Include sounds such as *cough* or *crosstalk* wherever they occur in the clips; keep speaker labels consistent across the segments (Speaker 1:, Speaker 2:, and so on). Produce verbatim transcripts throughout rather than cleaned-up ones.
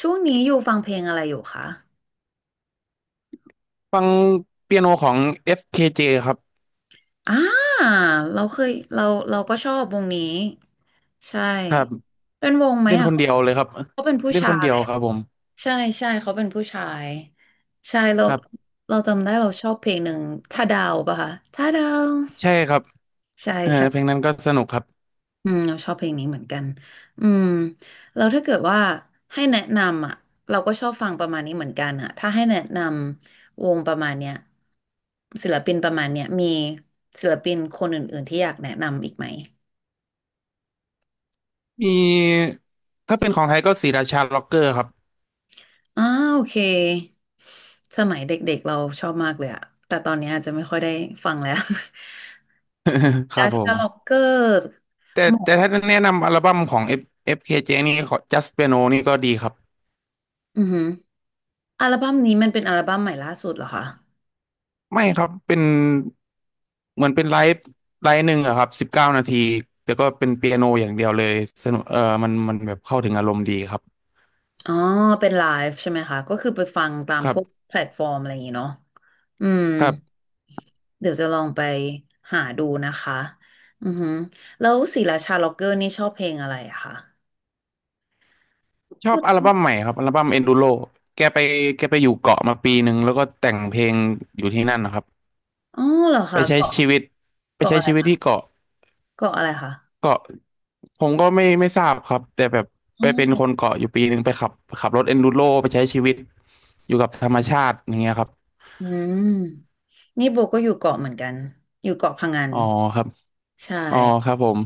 Speaker 1: ช่วงนี้อยู่ฟังเพลงอะไรอยู่คะ
Speaker 2: ฟังเปียโนของ เอฟ เค เจ คเจครับ
Speaker 1: อ่าเราเคยเราเราก็ชอบวงนี้ใช่
Speaker 2: ครับ
Speaker 1: เป็นวงไหม
Speaker 2: เล่น
Speaker 1: อ่ะ
Speaker 2: คน
Speaker 1: เขา
Speaker 2: เดียวเลยครับ
Speaker 1: เขาเป็นผู้
Speaker 2: เล่น
Speaker 1: ชา
Speaker 2: คนเดีย
Speaker 1: ย
Speaker 2: วครับผม
Speaker 1: ใช่ใช่เขาเป็นผู้ชายใช่เรา
Speaker 2: ครับ
Speaker 1: เราจำได้เราชอบเพลงหนึ่งถ้าดาวป่ะคะถ้าดาว
Speaker 2: ใช่ครับ
Speaker 1: ใช่
Speaker 2: เออ
Speaker 1: ใช่
Speaker 2: เพลงนั้นก็สนุกครับ
Speaker 1: อืมเราชอบเพลงนี้เหมือนกันอืมเราถ้าเกิดว่าให้แนะนำอ่ะเราก็ชอบฟังประมาณนี้เหมือนกันอ่ะถ้าให้แนะนำวงประมาณเนี้ยศิลปินประมาณเนี้ยมีศิลปินคนอื่นๆที่อยากแนะนำอีกไหม
Speaker 2: มีถ้าเป็นของไทยก็ศรีราชาล็อกเกอร์ครับ
Speaker 1: อ้าโอเคสมัยเด็กๆเราชอบมากเลยอ่ะแต่ตอนนี้อาจจะไม่ค่อยได้ฟังแล้ว
Speaker 2: *laughs* ค
Speaker 1: *laughs* ดา
Speaker 2: รับผ
Speaker 1: ชาล็อก
Speaker 2: ม
Speaker 1: เกอร์
Speaker 2: แต่
Speaker 1: หมอ
Speaker 2: แต่ถ้าแนะนำอัลบั้มของ F เอฟ เค เจ นี่ของ Just Piano นี่ก็ดีครับ
Speaker 1: อือหืออัลบั้มนี้มันเป็นอัลบั้มใหม่ล่าสุดเหรอคะ
Speaker 2: ไม่ครับเป็นเหมือนเป็นไลฟ์ไลฟ์หนึ่งอะครับสิบเก้านาทีแต่ก็เป็นเปียโนอย่างเดียวเลยสนุกเออมันมันแบบเข้าถึงอารมณ์ดีครับ
Speaker 1: อ๋อเป็นไลฟ์ใช่ไหมคะก็คือไปฟังตาม
Speaker 2: ครั
Speaker 1: พวก
Speaker 2: บ
Speaker 1: แพลตฟอร์มอะไรอย่างงี้เนาะอืม
Speaker 2: ครับ
Speaker 1: เดี๋ยวจะลองไปหาดูนะคะอือหือแล้วศิลาชาล็อกเกอร์นี่ชอบเพลงอะไรอะคะ
Speaker 2: ชอบ
Speaker 1: ปุ๊บ
Speaker 2: อัลบั้มใหม่ครับอัลบั้ม Enduro แกไปแกไปอยู่เกาะมาปีหนึ่งแล้วก็แต่งเพลงอยู่ที่นั่นนะครับ
Speaker 1: อ๋อเหรอ
Speaker 2: ไป
Speaker 1: คะ
Speaker 2: ใช้
Speaker 1: เกาะ
Speaker 2: ชีวิตไป
Speaker 1: เกาะ
Speaker 2: ใช้
Speaker 1: อะไร
Speaker 2: ชีวิต
Speaker 1: คะ
Speaker 2: ที่เกาะ
Speaker 1: เกาะอะไรคะ
Speaker 2: เกาะผมก็ไม่ไม่ทราบครับแต่แบบไป
Speaker 1: อ๋
Speaker 2: เป็น
Speaker 1: อ
Speaker 2: คนเกาะอยู่ปีหนึ่งไปขับขับรถ Enduro ไปใช้ชีวิตอยู่กับธรรมชาติอย่างเงี้ยครับ
Speaker 1: อืมนี่โบก็อยู่เกาะเหมือนกันอยู่เกาะพะงัน
Speaker 2: อ๋อครับ
Speaker 1: ใช่
Speaker 2: อ๋อครับผม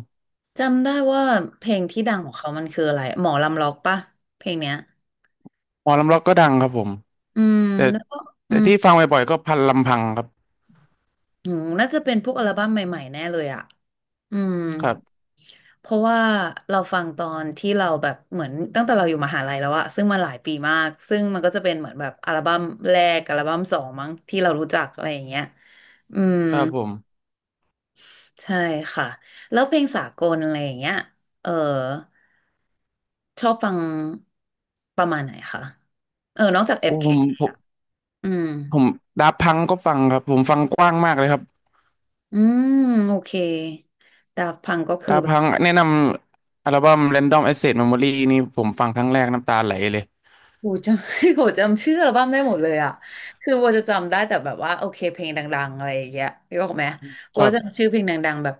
Speaker 1: จำได้ว่าเพลงที่ดังของเขามันคืออะไรหมอลำล็อกปะเพลงเนี้ย
Speaker 2: หมอลำร็อกก็ดังครับผม
Speaker 1: อืม
Speaker 2: แต่
Speaker 1: แล้วก็อื
Speaker 2: แต่
Speaker 1: ม
Speaker 2: ที่ฟังบ่อยๆก็พันลำพังครับ
Speaker 1: อืมน่าจะเป็นพวกอัลบั้มใหม่ๆแน่เลยอะ อืม
Speaker 2: ครับ
Speaker 1: เพราะว่าเราฟังตอนที่เราแบบเหมือนตั้งแต่เราอยู่มหาลัยแล้วอะซึ่งมาหลายปีมากซึ่งมันก็จะเป็นเหมือนแบบอัลบั้มแรกอัลบั้มสองมั้งที่เรารู้จักอะไรอย่างเงี้ยอืม
Speaker 2: ครับผม
Speaker 1: ใช่ค่ะแล้วเพลงสากลอะไรอย่างเงี้ยเออชอบฟังประมาณไหนคะเออนอกจาก
Speaker 2: โอ้ผม
Speaker 1: เอฟ เค ที อฟเคที
Speaker 2: ผม
Speaker 1: อะอืม
Speaker 2: ผมดาพังก็ฟังครับผมฟังกว้างมากเลยครับ
Speaker 1: อืมโอเคดาฟพังก็คือ
Speaker 2: ดา
Speaker 1: แบบ
Speaker 2: พังแนะนำอัลบั้ม Random Access Memory นี่ผมฟังครั้งแรกน้ำตาไหลเลย
Speaker 1: โหจำ *laughs* โหจำชื่ออัลบั้มได้หมดเลยอ่ะคือโบจะจำได้แต่แบบว่าโอเคเพลงดังๆอะไรอย่างเงี้ยรอกไหมโบ
Speaker 2: ครั
Speaker 1: จำ
Speaker 2: บ
Speaker 1: ชื่อเพลงดังๆแบบ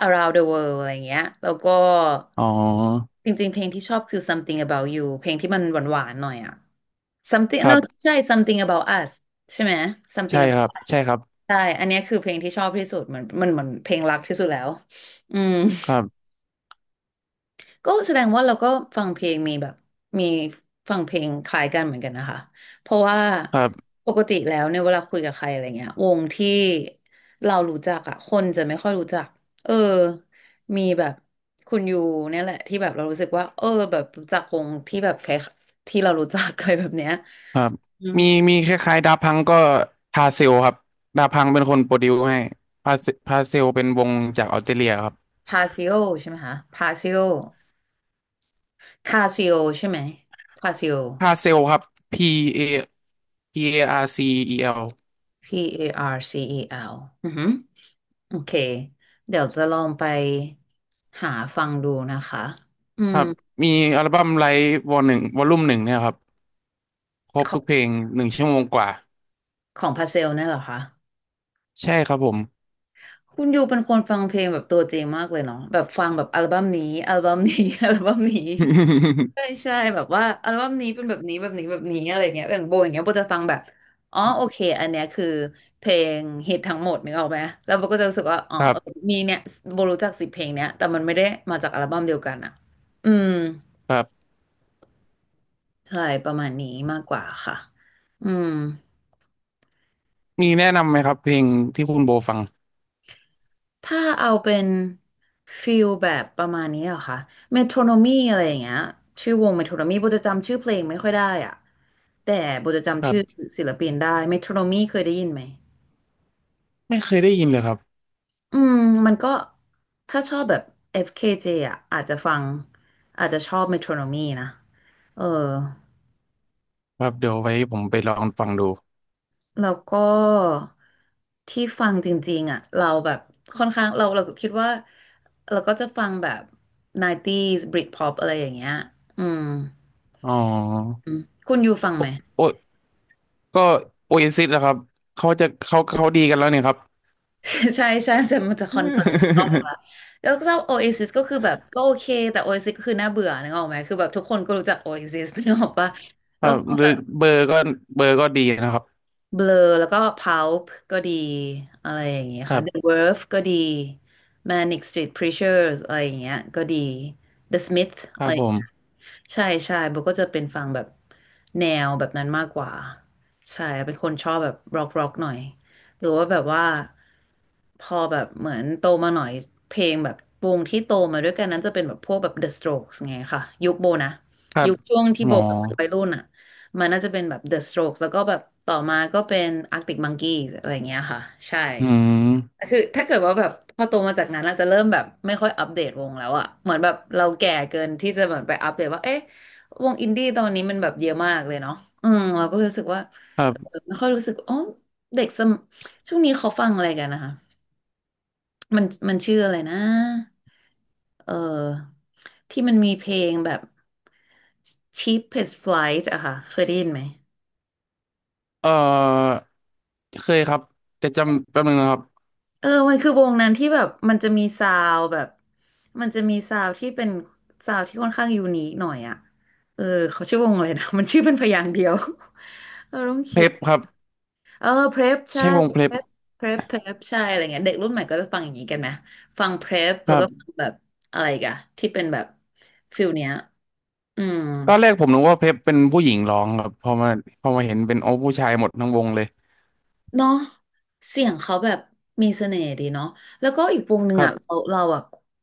Speaker 1: Around the World อะไรอย่างเงี้ยแล้วก็
Speaker 2: อ๋อ
Speaker 1: จริงๆเพลงที่ชอบคือ Something About You เพลงที่มันหวานๆหน่อยอ่ะ Something
Speaker 2: ค
Speaker 1: no
Speaker 2: รับ
Speaker 1: ใช่ Something About Us ใช่ไหม
Speaker 2: ใช่
Speaker 1: Something
Speaker 2: ค
Speaker 1: About
Speaker 2: รับ
Speaker 1: Us
Speaker 2: ใช่ครับ
Speaker 1: ใช่อันเนี้ยคือเพลงที่ชอบที่สุดเหมือนมันเหมือนเพลงรักที่สุดแล้วอืม
Speaker 2: ครับ
Speaker 1: ก็แสดงว่าเราก็ฟังเพลงมีแบบมีฟังเพลงคล้ายกันเหมือนกันนะคะเพราะว่า
Speaker 2: ครับ
Speaker 1: ปกติแล้วเนี่ยเวลาคุยกับใครอะไรเงี้ยวงที่เรารู้จักอะคนจะไม่ค่อยรู้จักเออมีแบบคุณยูเนี่ยแหละที่แบบเรารู้สึกว่าเออแบบรู้จักวงที่แบบคล้ายที่เรารู้จัก *laughs* อะไรแบบเนี้ย
Speaker 2: ครับ
Speaker 1: อืม
Speaker 2: มีมีคล้ายๆดาพังก็พาเซลครับดาพังเป็นคนโปรดิวให้พาเซพาเซลเป็นวงจากออสเตรเลียครับ
Speaker 1: พาซิโอใช่ไหมคะพาซิโอคาซิโอใช่ไหมพาซิโอ
Speaker 2: พาเซลครับ P A P A R C E L
Speaker 1: P A R C E L อแอลอือฮึ โอเคเดี๋ยวจะลองไปหาฟังดูนะคะอื
Speaker 2: ค
Speaker 1: ม
Speaker 2: รับมีอัลบั้มไลฟ์วอลหนึ่งวอลลุ่มหนึ่งเนี่ยครับครบ
Speaker 1: ข
Speaker 2: ทุกเพ
Speaker 1: อง
Speaker 2: ลงหนึ่งชั่วโมงกว่า
Speaker 1: ของพาเซลเนี่ยเหรอคะ
Speaker 2: ใช่ครับผม
Speaker 1: คุณยูเป็นคนฟังเพลงแบบตัวจริงมากเลยเนาะแบบฟังแบบอัลบั้มนี้อัลบั้มนี้ *laughs* อัลบั้มนี้ใช่ใช่แบบว่าอัลบั้มนี้เป็นแบบนี้แบบนี้แบบนี้อะไรเงี้ยอย่างโบอย่างเงี้ยโบจะฟังแบบอ๋อโอเคอันเนี้ยคือเพลงฮิตทั้งหมดนึกออกไหมแล้วโบก็จะรู้สึกว่าอ๋อ
Speaker 2: *laughs* ครั
Speaker 1: เออ
Speaker 2: บ
Speaker 1: มีเนี่ยโบรู้จักสิบเพลงเนี้ยแต่มันไม่ได้มาจากอัลบั้มเดียวกันอะอืม
Speaker 2: ครับ
Speaker 1: ใช่ประมาณนี้มากกว่าค่ะอืม
Speaker 2: มีแนะนำไหมครับเพลงที่คุณโบฟัง
Speaker 1: ถ้าเอาเป็นฟิลแบบประมาณนี้เหรอคะเมโทรโนมีอะไรอย่างเงี้ยชื่อวงเมโทรโนมีโบจะจำชื่อเพลงไม่ค่อยได้อ่ะ แต่โบจะ
Speaker 2: ค
Speaker 1: จำ
Speaker 2: รั
Speaker 1: ชื่อ
Speaker 2: บ
Speaker 1: ศิลปินได้ เมโทรโนมีเคยได้ยินไหม
Speaker 2: ไม่เคยได้ยินเลยครับ
Speaker 1: อืมมันก็ถ้าชอบแบบ เอฟ เค เจ อฟเคเจอ่ะอาจจะฟังอาจจะชอบเมโทรโนมีนะเออ
Speaker 2: ครับเดี๋ยวไว้ผมไปลองฟังดู
Speaker 1: แล้วก็ที่ฟังจริงๆอ่ะเราแบบค่อนข้างเราเราคิดว่าเราก็จะฟังแบบ ยุคเก้าศูนย์ Britpop อะไรอย่างเงี้ยอืม
Speaker 2: อ๋อ
Speaker 1: อืมคุณอยู่ฟัง
Speaker 2: โอ
Speaker 1: ไหม
Speaker 2: โอก็โอเอซิสนะครับเขาจะเขาเขาดีกันแล้วเนี่ยครับ
Speaker 1: *laughs* ใช่ใช่จะมันจะคอนเสิร์ตอีกรอบนึงละแล้วก็ Oasis ก็คือแบบก็โอเคแต่ Oasis ก็คือน่าเบื่อนึกออกไหมคือแบบทุกคนก็รู้จัก Oasis นึกออกปะ
Speaker 2: *laughs* ค
Speaker 1: แล้ว
Speaker 2: รั
Speaker 1: ก็
Speaker 2: บ
Speaker 1: ฟัง
Speaker 2: หรื
Speaker 1: แบ
Speaker 2: อ
Speaker 1: บ
Speaker 2: เบอร์ก็เบอร์ก็ดีนะครับ
Speaker 1: เบลอแล้วก็พัลป์ก็ดีอะไรอย่างเงี้ย
Speaker 2: ครั
Speaker 1: ค่ะ The
Speaker 2: บ
Speaker 1: Verve ก็ดี Manic Street Preachers อะไรอย่างเงี้ยก็ดี The Smith
Speaker 2: ค
Speaker 1: อะ
Speaker 2: รั
Speaker 1: ไร
Speaker 2: บผม
Speaker 1: ใช่ใช่โบก็จะเป็นฟังแบบแนวแบบนั้นมากกว่าใช่เป็นคนชอบแบบร็อกร็อกหน่อยหรือว่าแบบว่าพอแบบเหมือนโตมาหน่อยเพลงแบบวงที่โตมาด้วยกันนั้นจะเป็นแบบพวกแบบ The Strokes ไงค่ะยุคโบนะ
Speaker 2: ครั
Speaker 1: ยุ
Speaker 2: บ
Speaker 1: คช่วงที่
Speaker 2: หม
Speaker 1: โบ
Speaker 2: อ
Speaker 1: แบบเป็นวัยรุ่นอ่ะมันน่าจะเป็นแบบ The Strokes แล้วก็แบบต่อมาก็เป็น Arctic Monkeys อะไรอย่างเงี้ยค่ะใช่
Speaker 2: อืม
Speaker 1: คือถ้าเกิดว่าแบบพอโตมาจากนั้นอาจจะเริ่มแบบไม่ค่อยอัปเดตวงแล้วอะเหมือนแบบเราแก่เกินที่จะเหมือนไปอัปเดตว่าเอ๊ะวงอินดี้ตอนนี้มันแบบเยอะมากเลยเนาะอืมเราก็รู้สึกว่า
Speaker 2: ครั
Speaker 1: เออ
Speaker 2: บ
Speaker 1: ไม่ค่อยรู้สึกอ๋อเด็กสมช่วงนี้เขาฟังอะไรกันนะคะมันมันชื่ออะไรนะเออที่มันมีเพลงแบบ Cheapest Flight อะค่ะเคยได้ยินไหม
Speaker 2: เอ่อเคยครับแต่จำแป๊บนึงนะครับ
Speaker 1: เออมันคือวงนั้นที่แบบมันจะมีซาวด์แบบมันจะมีซาวด์ที่เป็นซาวด์ที่ค่อนข้างยูนิคหน่อยอ่ะเออเขาชื่อวงอะไรนะ *laughs* มันชื่อเป็นพยางค์เดียว *laughs* เราต้อง
Speaker 2: เพ
Speaker 1: คิ
Speaker 2: ล
Speaker 1: ด
Speaker 2: ปครับ
Speaker 1: เออเพร p ใช่
Speaker 2: ใช่วงเพล
Speaker 1: เพ
Speaker 2: ป
Speaker 1: ร p เพร p เพร p ใช่อะไรเงี้ยเด็กรุ่นใหม่ก็จะฟังอย่างนี้กันไหมฟังเพร p
Speaker 2: ค
Speaker 1: แล้ว
Speaker 2: รั
Speaker 1: ก็ฟั
Speaker 2: บ
Speaker 1: งแบบอะไรอีกันที่เป็นแบบฟิลเนี้ยอืม
Speaker 2: ตอนแรกผมนึกว่าเพลปเป็นผู้หญิงร้องครับพอมาพอมาเห็นเป็นโอ้ผู้ชายหมดทั้งวงเลย
Speaker 1: เนาะเสียงเขาแบบมีเสน่ห์ดีเนาะแล้วก็อีกวงหนึ่
Speaker 2: ค
Speaker 1: ง
Speaker 2: รั
Speaker 1: อ่ะเรา
Speaker 2: บ
Speaker 1: เราอ่ะ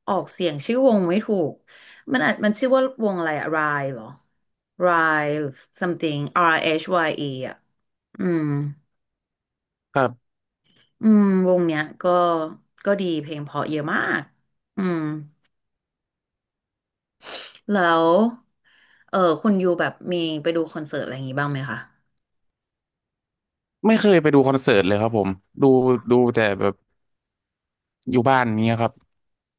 Speaker 1: ออกเสียงชื่อวงไม่ถูกมันอาะมันชื่อว่าวงอะไรอะรายเหรอรายหรือ something R H Y E อชวายอีอ่ะอืม
Speaker 2: ครับ
Speaker 1: อืมวงเนี้ยก็ก็ดีเพลงเพราะเยอะมากอืมแล้วเออคุณยูแบบมีไปดูคอนเสิร์ตอะไรอย่างงี้บ้างไหมคะ
Speaker 2: ไม่เคยไปดูคอนเสิร์ตเลยครับผมดูดูแต่แบบอยู่บ้านเนี้ยครับ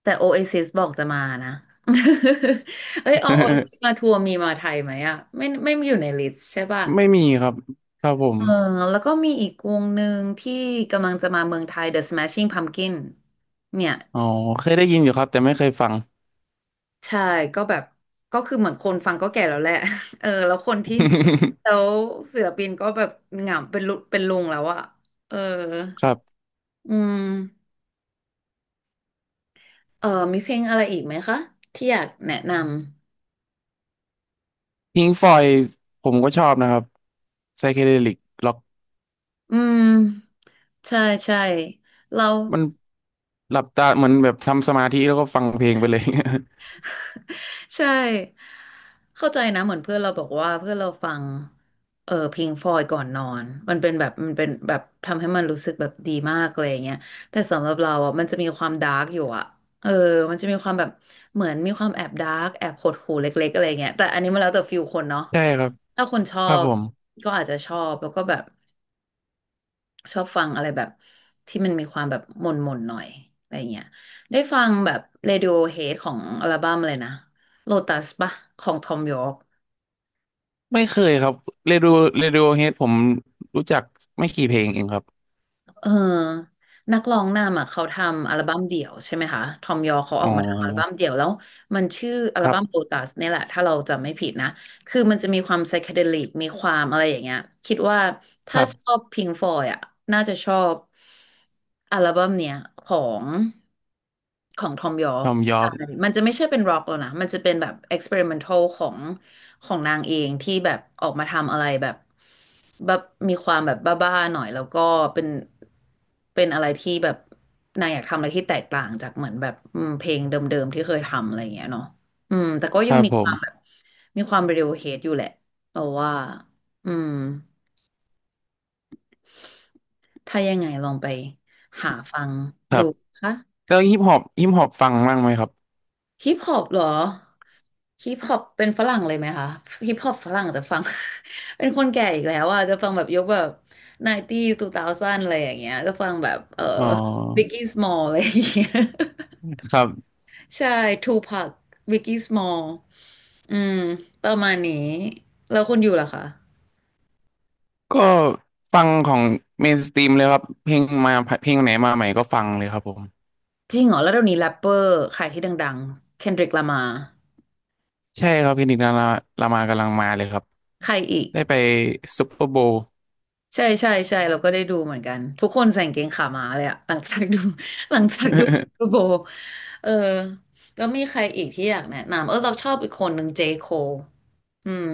Speaker 1: แต่โอเอซิสบอกจะมานะ *laughs* เอ้ยโอโอเอซิส
Speaker 2: *laughs*
Speaker 1: มาทัวร์มีมาไทยไหมอ่ะไม่ไม่มีอยู่ในลิสต์ใช่ป่ะ
Speaker 2: ไม่มีครับครับผม
Speaker 1: เออแล้วก็มีอีกวงหนึ่งที่กำลังจะมาเมืองไทย The Smashing Pumpkin เนี่ย
Speaker 2: อ๋อเคยได้ยินอยู่ครับแต่ไม่เคยฟัง
Speaker 1: ใช่ก็แบบก็คือเหมือนคนฟังก็แก่แล้วแหละ *laughs* เออแล้วคนที่แล้วศิลปินก็แบบเหงาเป็นลุเป็นลุงแล้วอะเออ
Speaker 2: *laughs* ครับ
Speaker 1: อืมเออมีเพลงอะไรอีกไหมคะที่อยากแนะนำ
Speaker 2: พิงฟอยผมก็ชอบนะครับไซเคเดลิกล็อก
Speaker 1: อืมใช่ใช่เรา
Speaker 2: มันหลับตาเหมือนแบบทำสมาธิแล้วก็ฟังเพลงไปเลย *laughs*
Speaker 1: *laughs* ใช่เข้าใจนะเหมือนเพื่อนเราบอกว่าเพื่อนเราฟังเออพิงฟลอยก่อนนอนมันเป็นแบบมันเป็นแบบทำให้มันรู้สึกแบบดีมากเลยอย่างเงี้ยแต่สำหรับเราอ่ะมันจะมีความดาร์กอยู่อ่ะเออมันจะมีความแบบเหมือนมีความแอบดาร์กแอบหดหู่เล็กๆอะไรเงี้ยแต่อันนี้มันแล้วแต่ฟิลคนเนาะ
Speaker 2: ใช่ครับ
Speaker 1: ถ้าคนชอ
Speaker 2: ครับ
Speaker 1: บ
Speaker 2: ผม
Speaker 1: ก็อาจจะชอบแล้วก็แบบ ชอบฟังอะไรแบบที่มันมีความแบบหม่นหม่นหน่อยอะไรเงี้ยได้ฟังแบบ Radiohead ของอัลบั้มเลยนะ Lotus ปะของ Thom Yorke
Speaker 2: ไม่เคยครับเรดิโอเรดิโอเฮดผมรู้จักไม่กี่เพลงเองครับ
Speaker 1: เออนักร้องนำอ่ะเขาทำอัลบั้มเดี่ยวใช่ไหมคะ ทอมยอเขาอ
Speaker 2: อ๋
Speaker 1: อกมาทำอัลบั้ม
Speaker 2: อ
Speaker 1: เดี่ยวแล้วมันชื่ออั
Speaker 2: ค
Speaker 1: ล
Speaker 2: รั
Speaker 1: บั้มโ o
Speaker 2: บ
Speaker 1: ตัสเนี่ยแหละ ถ้าเราจำไม่ผิดนะ คือมันจะมีความไซเคเดลิก มีความอะไรอย่างเงี้ยคิดว่า
Speaker 2: ค
Speaker 1: ถ้า
Speaker 2: รั
Speaker 1: ชอ
Speaker 2: บ
Speaker 1: บพิงฟอยอ่ะน่าจะชอบอัลบั้มเนี้ยของของทอมยอ
Speaker 2: ทอมยอ
Speaker 1: ใช่
Speaker 2: ร์ก
Speaker 1: มันจะไม่ใช่เป็นร็อกแล้วนะ มันจะเป็นแบบเอ็กซ์เพร์เมนทัลของ ของนางเองที่แบบออกมาทำอะไรแบบแบบมีความแบบบ้าๆหน่อยแล้วก็เป็นเป็นอะไรที่แบบนางอยากทำอะไรที่แตกต่างจากเหมือนแบบอืมเพลงเดิมๆที่เคยทำอะไรอย่างเงี้ยเนาะอืมแต่ก็
Speaker 2: ค
Speaker 1: ยัง
Speaker 2: รับ
Speaker 1: มี
Speaker 2: ผ
Speaker 1: ความแบบ
Speaker 2: ม
Speaker 1: มีความเร d ว o เฮดอยู่แหละเราว่าอืมถ้ายังไงลองไปหาฟังดูค่ะ
Speaker 2: แล้วฮิปฮอปฮิปฮอปฟังบ้างไหมครับ
Speaker 1: ฮิปฮอปเหรอฮิปฮอปเป็นฝรั่งเลยไหมคะฮิปฮอปฝรั่งจะฟัง *laughs* เป็นคนแก่อีกแล้วอ่ะจะฟังแบบยกแบบไนตี้ทูเทาซันอะไรอย่างเงี้ยจะฟังแบบเออ
Speaker 2: อ๋อ
Speaker 1: บิกกี้สมอลอะไรอย่างเงี้ย
Speaker 2: ครับ
Speaker 1: *laughs* ใช่ทูพักบิกกี้สมอลอืมประมาณนี้แล้วคนอยู่ล่ะคะ
Speaker 2: ก็ฟังของเมนสตรีมเลยครับเพลงมาเพลงไหนมาใหม่ก็ฟังเลยครับผม
Speaker 1: จริงเหรอแล้วเดี๋ยวนี้แรปเปอร์ใครที่ดังๆเคนดริกลามา
Speaker 2: ใช่ครับเพลงดิกลาลามากำลังมาเลยครับ
Speaker 1: ใครอีก
Speaker 2: ได้ไปซุปเปอร์ *laughs* โบว์
Speaker 1: ใช่ใช่ใช่เราก็ได้ดูเหมือนกันทุกคนใส่กางเกงขาม้าเลยอะ *laughs* หลังจากดู *laughs* หลังจากดูดูโบ
Speaker 2: *laughs*
Speaker 1: เออแล้วมีใครอีกที่อยากแนะนำเออเราชอบอีกคนหนึ่งเจโคอืม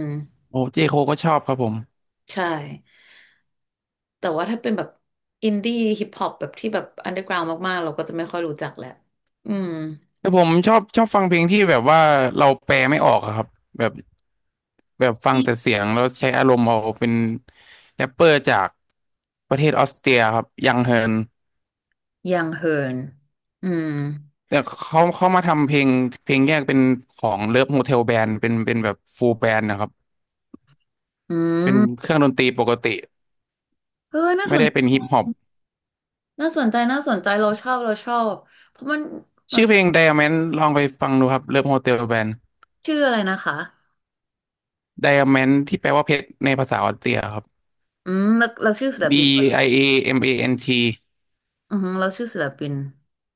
Speaker 2: โอ้เจโคก็ชอบครับผม
Speaker 1: ใช่แต่ว่าถ้าเป็นแบบอินดี้ฮิปฮอปแบบที่แบบอันเดอร์กราวมากๆเราก็จะไม่ค่อยรู้จักแหละอืม
Speaker 2: แต่ผมชอบชอบฟังเพลงที่แบบว่าเราแปลไม่ออกอะครับแบบแบบฟังแต่เสียงแล้วใช้อารมณ์เอาเป็นแรปเปอร์จากประเทศออสเตรียครับยังเฮิร์น
Speaker 1: ยังเฮิร์นอืม
Speaker 2: แต่เขาเขามาทำเพลงเพลงแยกเป็นของเลิฟโฮเทลแบนด์เป็นเป็นแบบฟูลแบนด์นะครับ
Speaker 1: อื
Speaker 2: เป็นเค
Speaker 1: ม
Speaker 2: รื่องดนตรีปกติ
Speaker 1: เออน่าส
Speaker 2: ไม่
Speaker 1: น
Speaker 2: ได้
Speaker 1: ใจ
Speaker 2: เป็นฮิปฮอป
Speaker 1: น่าสนใจน่าสนใจเราชอบเราชอบเพราะมันเรา
Speaker 2: ชื่อ
Speaker 1: ช
Speaker 2: เพ
Speaker 1: อ
Speaker 2: ลง
Speaker 1: บ
Speaker 2: Diamond ลองไปฟังดูครับเลิฟโฮเทลแบนด์
Speaker 1: ชื่ออะไรนะคะ
Speaker 2: Diamond ที่แปลว่าเพชรในภาษาออสเตรียครับ
Speaker 1: อืมแล้วเราชื่อศิลปิน
Speaker 2: D I A M A N T
Speaker 1: อือฮึเราชื่อศิลปิน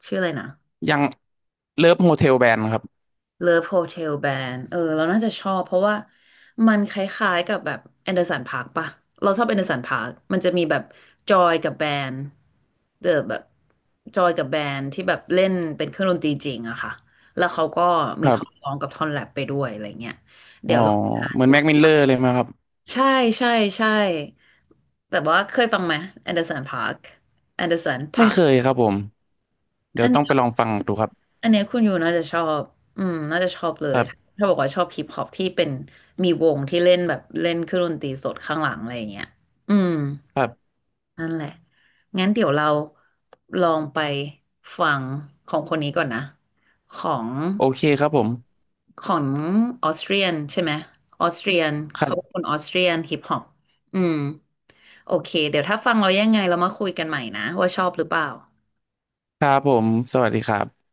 Speaker 1: ชื่ออะไรนะ
Speaker 2: ยังเลิฟโฮเทลแบนด์ครับ
Speaker 1: Love Hotel Band เออเราน่าจะชอบเพราะว่ามันคล้ายๆกับแบบแอนเดอร์สันพาร์คปะเราชอบแอนเดอร์สันพาร์คมันจะมีแบบจอยกับแบนด์เดอแบบจอยกับแบนด์ที่แบบเล่นเป็นเครื่องดนตรีจริงอะค่ะแล้วเขาก็
Speaker 2: ค
Speaker 1: มี
Speaker 2: รั
Speaker 1: ท่อน
Speaker 2: บ
Speaker 1: ร้องกับท่อนแรปไปด้วยอะไรเงี้ย
Speaker 2: อ๋
Speaker 1: เดี๋
Speaker 2: อ
Speaker 1: ยวเราหา
Speaker 2: เหมือ
Speaker 1: ดู
Speaker 2: นแม็กมิลเลอร์เลยไหมครับ
Speaker 1: ใช่ใช่ใช่แต่ว่าเคยฟังไหมแอนเดอร์สันพาร์คแอนเดอร์สัน
Speaker 2: ไม่
Speaker 1: พาร์ค
Speaker 2: เคยครับผมเดี๋ยวต้องไปลองฟังดูครับ
Speaker 1: อันเนี้ยคุณอยู่น่าจะชอบ อืม น่าจะชอบเล
Speaker 2: ค
Speaker 1: ย
Speaker 2: รับ
Speaker 1: ถ้าบอกว่าชอบฮิปฮอปที่เป็นมีวงที่เล่นแบบเล่นเครื่องดนตรีสดข้างหลังอะไรอย่างเงี้ยอืม
Speaker 2: ครับ
Speaker 1: นั่นแหละงั้นเดี๋ยวเราลองไปฟังของคนนี้ก่อนนะของ
Speaker 2: โอเคครับผม
Speaker 1: ของออสเตรียนใช่ไหมออสเตรียน
Speaker 2: ครั
Speaker 1: เขาเป็น
Speaker 2: บ
Speaker 1: คนออสเตรียนฮิปฮอปอืมโอเคเดี๋ยวถ้าฟังเรายังไงเรามาคุยกันใหม่นะว่าชอบหรือเปล่า
Speaker 2: ครับผมสวัสดีครับ